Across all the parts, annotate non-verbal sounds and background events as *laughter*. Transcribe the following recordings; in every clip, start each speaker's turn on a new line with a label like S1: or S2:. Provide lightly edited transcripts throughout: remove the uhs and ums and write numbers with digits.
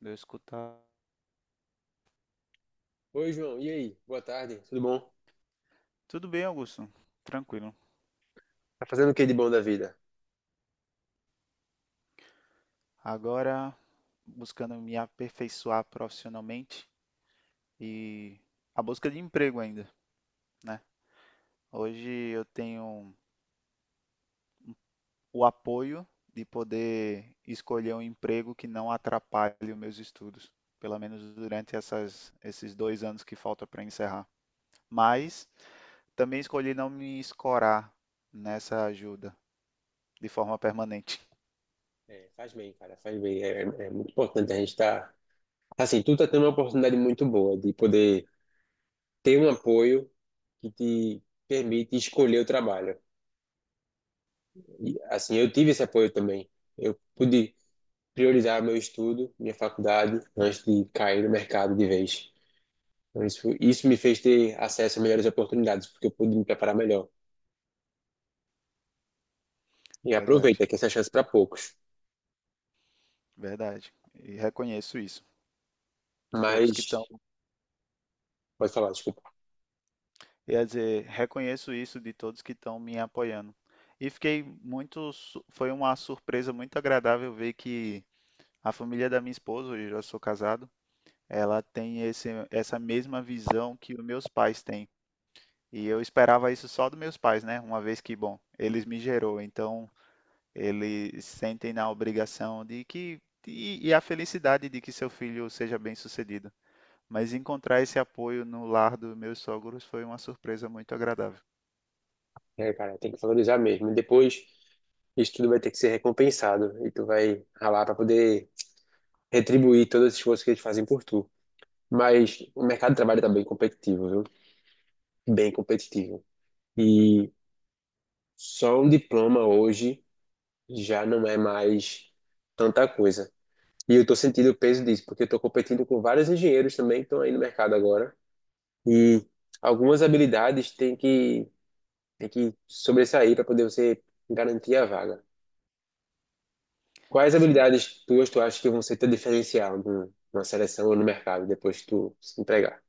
S1: Deu escutar.
S2: Oi, João. E aí? Boa tarde. Tudo bom?
S1: Tudo bem, Augusto. Tranquilo.
S2: Tá fazendo o que de bom da vida?
S1: Agora, buscando me aperfeiçoar profissionalmente e a busca de emprego ainda, né? Hoje eu tenho o apoio de poder escolher um emprego que não atrapalhe os meus estudos, pelo menos durante esses dois anos que falta para encerrar. Mas também escolhi não me escorar nessa ajuda de forma permanente.
S2: É, faz bem, cara. Faz bem. É muito importante a gente estar. Assim, tu tá tendo uma oportunidade muito boa de poder ter um apoio que te permite escolher o trabalho. E, assim, eu tive esse apoio também. Eu pude priorizar meu estudo, minha faculdade, antes de cair no mercado de vez. Então, isso me fez ter acesso a melhores oportunidades, porque eu pude me preparar melhor. E
S1: Verdade,
S2: aproveita que essa é a chance para poucos.
S1: verdade. E reconheço isso. Todos que estão,
S2: Mas, pode falar, desculpa.
S1: quer dizer, reconheço isso de todos que estão me apoiando. E fiquei foi uma surpresa muito agradável ver que a família da minha esposa, hoje eu já sou casado, ela tem essa mesma visão que os meus pais têm. E eu esperava isso só dos meus pais, né? Uma vez que, bom, eles me gerou, então eles sentem na obrigação de que, e a felicidade de que seu filho seja bem-sucedido. Mas encontrar esse apoio no lar dos meus sogros foi uma surpresa muito agradável.
S2: É, cara, tem que valorizar mesmo. E depois isso tudo vai ter que ser recompensado e tu vai ralar para poder retribuir todo esse esforço que eles fazem por tu. Mas o mercado de trabalho tá bem competitivo, viu? Bem competitivo. E só um diploma hoje já não é mais tanta coisa. E eu tô sentindo o peso disso, porque eu tô competindo com vários engenheiros também que estão aí no mercado agora. E algumas habilidades têm que sobressair para poder você garantir a vaga. Quais
S1: Sim,
S2: habilidades tuas tu acha que vão ser teu diferencial na seleção ou no mercado depois que tu se empregar?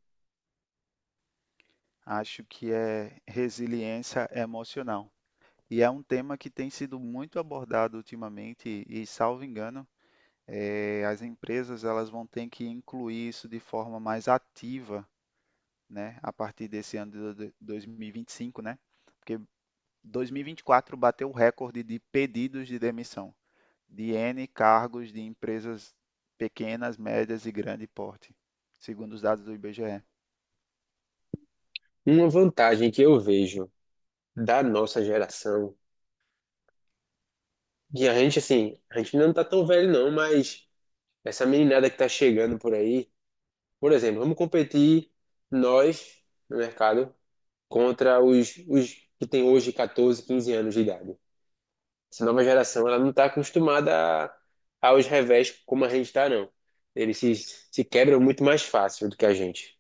S1: acho que é resiliência emocional. E é um tema que tem sido muito abordado ultimamente e, salvo engano, as empresas elas vão ter que incluir isso de forma mais ativa, né, a partir desse ano de 2025, né? Porque 2024 bateu o recorde de pedidos de demissão de N cargos de empresas pequenas, médias e grande porte, segundo os dados do IBGE.
S2: Uma vantagem que eu vejo da nossa geração, que a gente, assim, a gente não tá tão velho não, mas essa meninada que tá chegando por aí, por exemplo, vamos competir nós no mercado contra os que têm hoje 14, 15 anos de idade. Essa nova geração, ela não tá acostumada a- aos revés como a gente tá, não. Eles se quebram muito mais fácil do que a gente.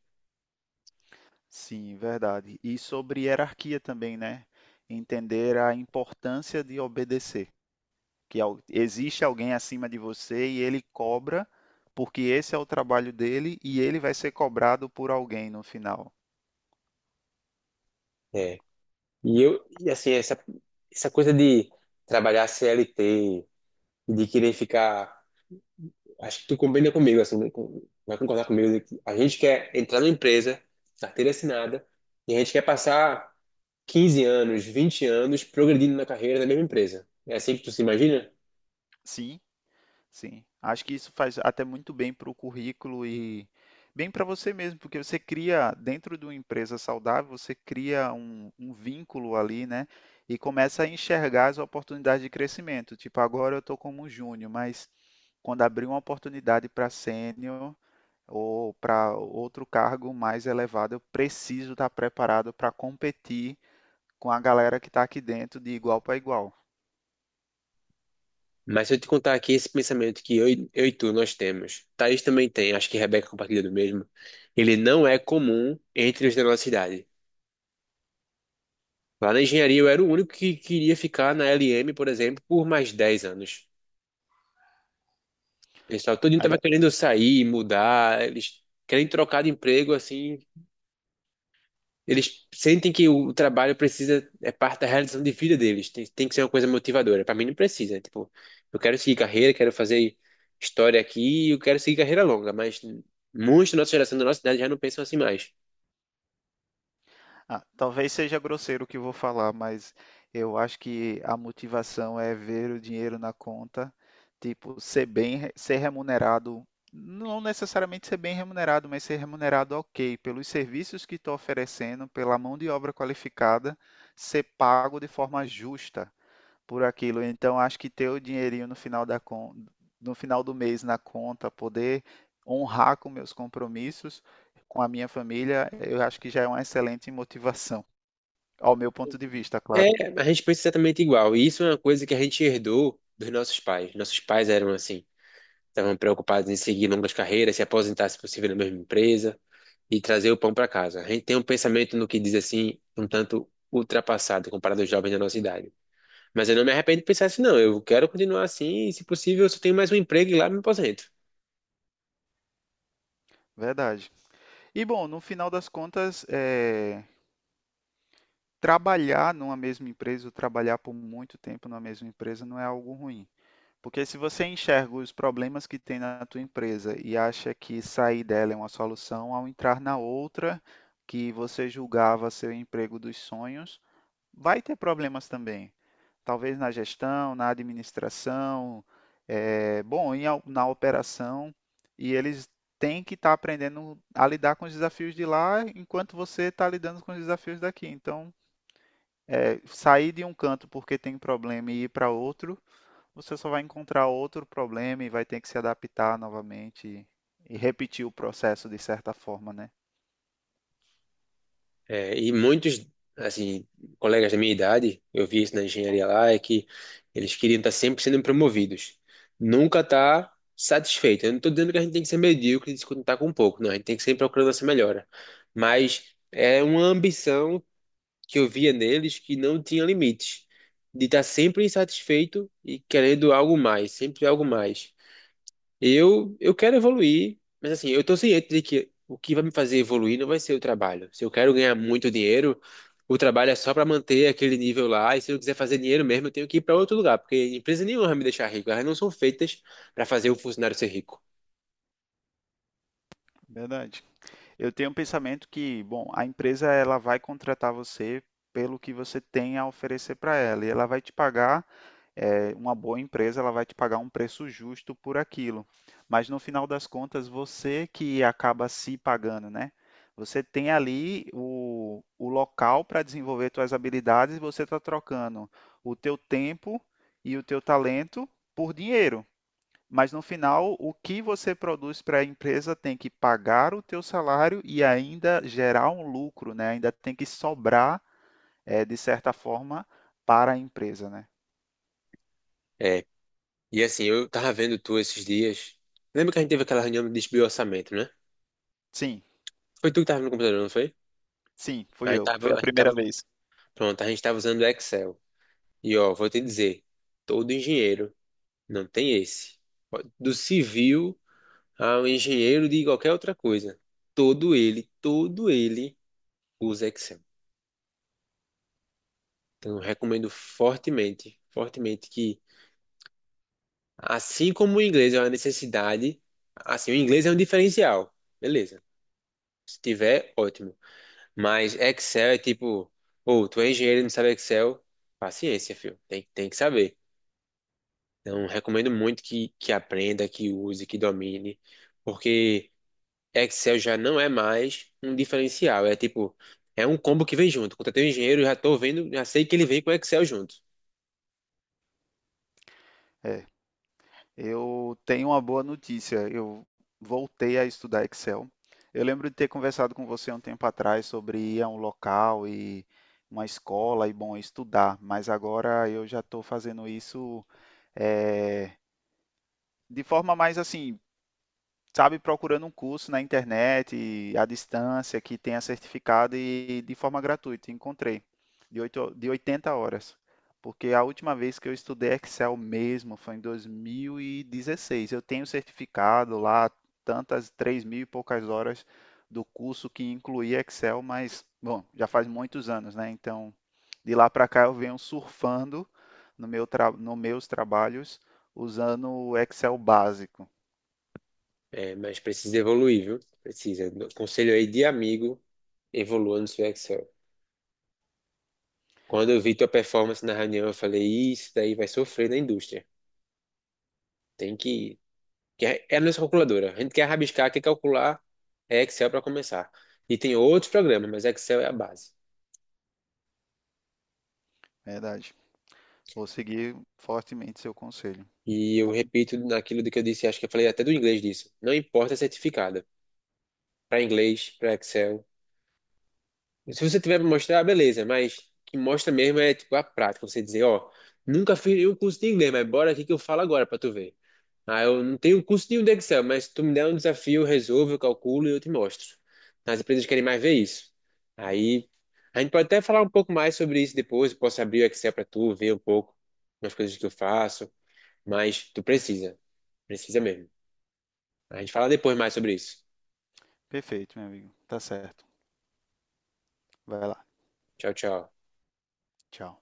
S1: Sim, verdade. E sobre hierarquia também, né? Entender a importância de obedecer, existe alguém acima de você e ele cobra, porque esse é o trabalho dele e ele vai ser cobrado por alguém no final.
S2: É. E assim, essa coisa de trabalhar CLT e de querer ficar. Acho que tu combina comigo, assim, né? Vai concordar comigo. De que a gente quer entrar numa empresa, carteira assinada, e a gente quer passar 15 anos, 20 anos progredindo na carreira da mesma empresa. É assim que tu se imagina?
S1: Sim, sim, acho que isso faz até muito bem para o currículo e bem para você mesmo, porque você cria, dentro de uma empresa saudável, você cria um vínculo ali, né? E começa a enxergar as oportunidades de crescimento. Tipo, agora eu estou como júnior, mas quando abrir uma oportunidade para sênior ou para outro cargo mais elevado, eu preciso estar preparado para competir com a galera que está aqui dentro de igual para igual.
S2: Mas se eu te contar aqui esse pensamento que eu e tu nós temos, Thaís também tem, acho que Rebeca compartilha do mesmo, ele não é comum entre os da nossa idade. Lá na engenharia eu era o único que queria ficar na LM, por exemplo, por mais 10 anos. O pessoal todo estava querendo sair, mudar, eles querem trocar de emprego, assim. Eles sentem que o é parte da realização de vida deles. Tem que ser uma coisa motivadora. Para mim não precisa. Tipo, eu quero seguir carreira, quero fazer história aqui, eu quero seguir carreira longa, mas muitos da nossa geração, da nossa idade, já não pensam assim mais.
S1: Ah, talvez seja grosseiro o que eu vou falar, mas eu acho que a motivação é ver o dinheiro na conta, tipo, ser remunerado, não necessariamente ser bem remunerado, mas ser remunerado ok, pelos serviços que estou oferecendo, pela mão de obra qualificada, ser pago de forma justa por aquilo. Então, acho que ter o dinheirinho no final do mês na conta, poder honrar com meus compromissos, com a minha família, eu acho que já é uma excelente motivação, *laughs* ao meu ponto de vista,
S2: É,
S1: claro.
S2: a gente pensa exatamente igual. E isso é uma coisa que a gente herdou dos nossos pais. Nossos pais eram assim. Estavam preocupados em seguir longas carreiras, se aposentar, se possível, na mesma empresa e trazer o pão para casa. A gente tem um pensamento no que diz assim, um tanto ultrapassado comparado aos jovens da nossa idade. Mas eu não me arrependo de pensar assim, não. Eu quero continuar assim e, se possível, eu só tenho mais um emprego e lá eu me aposento.
S1: Verdade. E bom, no final das contas, trabalhar numa mesma empresa, ou trabalhar por muito tempo numa mesma empresa não é algo ruim. Porque se você enxerga os problemas que tem na tua empresa e acha que sair dela é uma solução, ao entrar na outra que você julgava ser o emprego dos sonhos, vai ter problemas também. Talvez na gestão, na administração, na operação, e eles têm que estar aprendendo a lidar com os desafios de lá enquanto você está lidando com os desafios daqui. Então, sair de um canto porque tem problema e ir para outro você só vai encontrar outro problema e vai ter que se adaptar novamente e repetir o processo de certa forma, né?
S2: É, e muitos, assim, colegas da minha idade, eu vi isso na engenharia lá, é que eles queriam estar sempre sendo promovidos. Nunca estar satisfeito. Eu não estou dizendo que a gente tem que ser medíocre e se contentar com pouco, não. A gente tem que sempre procurar essa melhora. Mas é uma ambição que eu via neles que não tinha limites. De estar sempre insatisfeito e querendo algo mais, sempre algo mais. Eu quero evoluir, mas assim, eu tô ciente de que o que vai me fazer evoluir não vai ser o trabalho. Se eu quero ganhar muito dinheiro, o trabalho é só para manter aquele nível lá, e se eu quiser fazer dinheiro mesmo, eu tenho que ir para outro lugar, porque empresa nenhuma vai me deixar rico, elas não são feitas para fazer o funcionário ser rico.
S1: Verdade. Eu tenho um pensamento que, bom, a empresa ela vai contratar você pelo que você tem a oferecer para ela e ela vai te pagar uma boa empresa ela vai te pagar um preço justo por aquilo. Mas no final das contas, você que acaba se pagando, né? Você tem ali o local para desenvolver suas habilidades e você está trocando o teu tempo e o teu talento por dinheiro. Mas no final, o que você produz para a empresa tem que pagar o teu salário e ainda gerar um lucro, né? Ainda tem que sobrar, de certa forma, para a empresa, né?
S2: É, e assim, eu tava vendo tu esses dias. Lembra que a gente teve aquela reunião de desvio orçamento, né?
S1: Sim.
S2: Foi tu que tava no computador, não foi?
S1: Sim, fui
S2: A gente
S1: eu. Foi
S2: tava,
S1: a
S2: a gente tava,
S1: primeira vez.
S2: pronto, a gente tava usando o Excel. E ó, vou te dizer, todo engenheiro não tem esse, do civil ao engenheiro de qualquer outra coisa. Todo ele usa Excel. Então, eu recomendo fortemente, fortemente que, assim como o inglês é uma necessidade, assim, o inglês é um diferencial. Beleza. Se tiver, ótimo. Mas Excel é tipo, ou tu é engenheiro e não sabe Excel, paciência, filho. Tem que saber. Então, recomendo muito que aprenda, que use, que domine, porque. Excel já não é mais um diferencial. É tipo, é um combo que vem junto. Contratei um engenheiro, já tô vendo, já sei que ele vem com Excel junto.
S1: É. Eu tenho uma boa notícia. Eu voltei a estudar Excel. Eu lembro de ter conversado com você há um tempo atrás sobre ir a um local e uma escola e, bom, estudar, mas agora eu já estou fazendo isso é, de forma mais assim, sabe, procurando um curso na internet, e à distância, que tenha certificado e de forma gratuita. Encontrei, oito de 80 horas. Porque a última vez que eu estudei Excel mesmo foi em 2016 Eu tenho certificado lá, tantas, 3 mil e poucas horas do curso que incluía Excel, mas, bom, já faz muitos anos, né? Então, de lá para cá eu venho surfando no meus trabalhos usando o Excel básico.
S2: É, mas precisa evoluir, viu? Precisa. Conselho aí de amigo, evolua no seu Excel. Quando eu vi tua performance na reunião, eu falei, isso daí vai sofrer na indústria. Tem que... é é a nossa calculadora. A gente quer rabiscar, quer calcular, é Excel para começar. E tem outros programas, mas Excel é a base.
S1: Verdade. Vou seguir fortemente seu conselho.
S2: E eu
S1: Vou...
S2: repito naquilo do que eu disse, acho que eu falei até do inglês disso. Não importa certificado. Para inglês, para Excel. Se você tiver para mostrar, beleza, mas o que mostra mesmo é tipo a prática, você dizer, ó, nunca fiz nenhum curso de inglês, mas bora aqui que eu falo agora para tu ver. Ah, eu não tenho curso nenhum de Excel, mas tu me der um desafio, eu resolvo, eu calculo e eu te mostro. As empresas querem mais ver isso. Aí a gente pode até falar um pouco mais sobre isso depois, eu posso abrir o Excel para tu ver um pouco as coisas que eu faço, mas tu precisa, precisa mesmo. A gente fala depois mais sobre isso.
S1: Perfeito, meu amigo. Tá certo. Vai lá.
S2: Tchau, tchau.
S1: Tchau.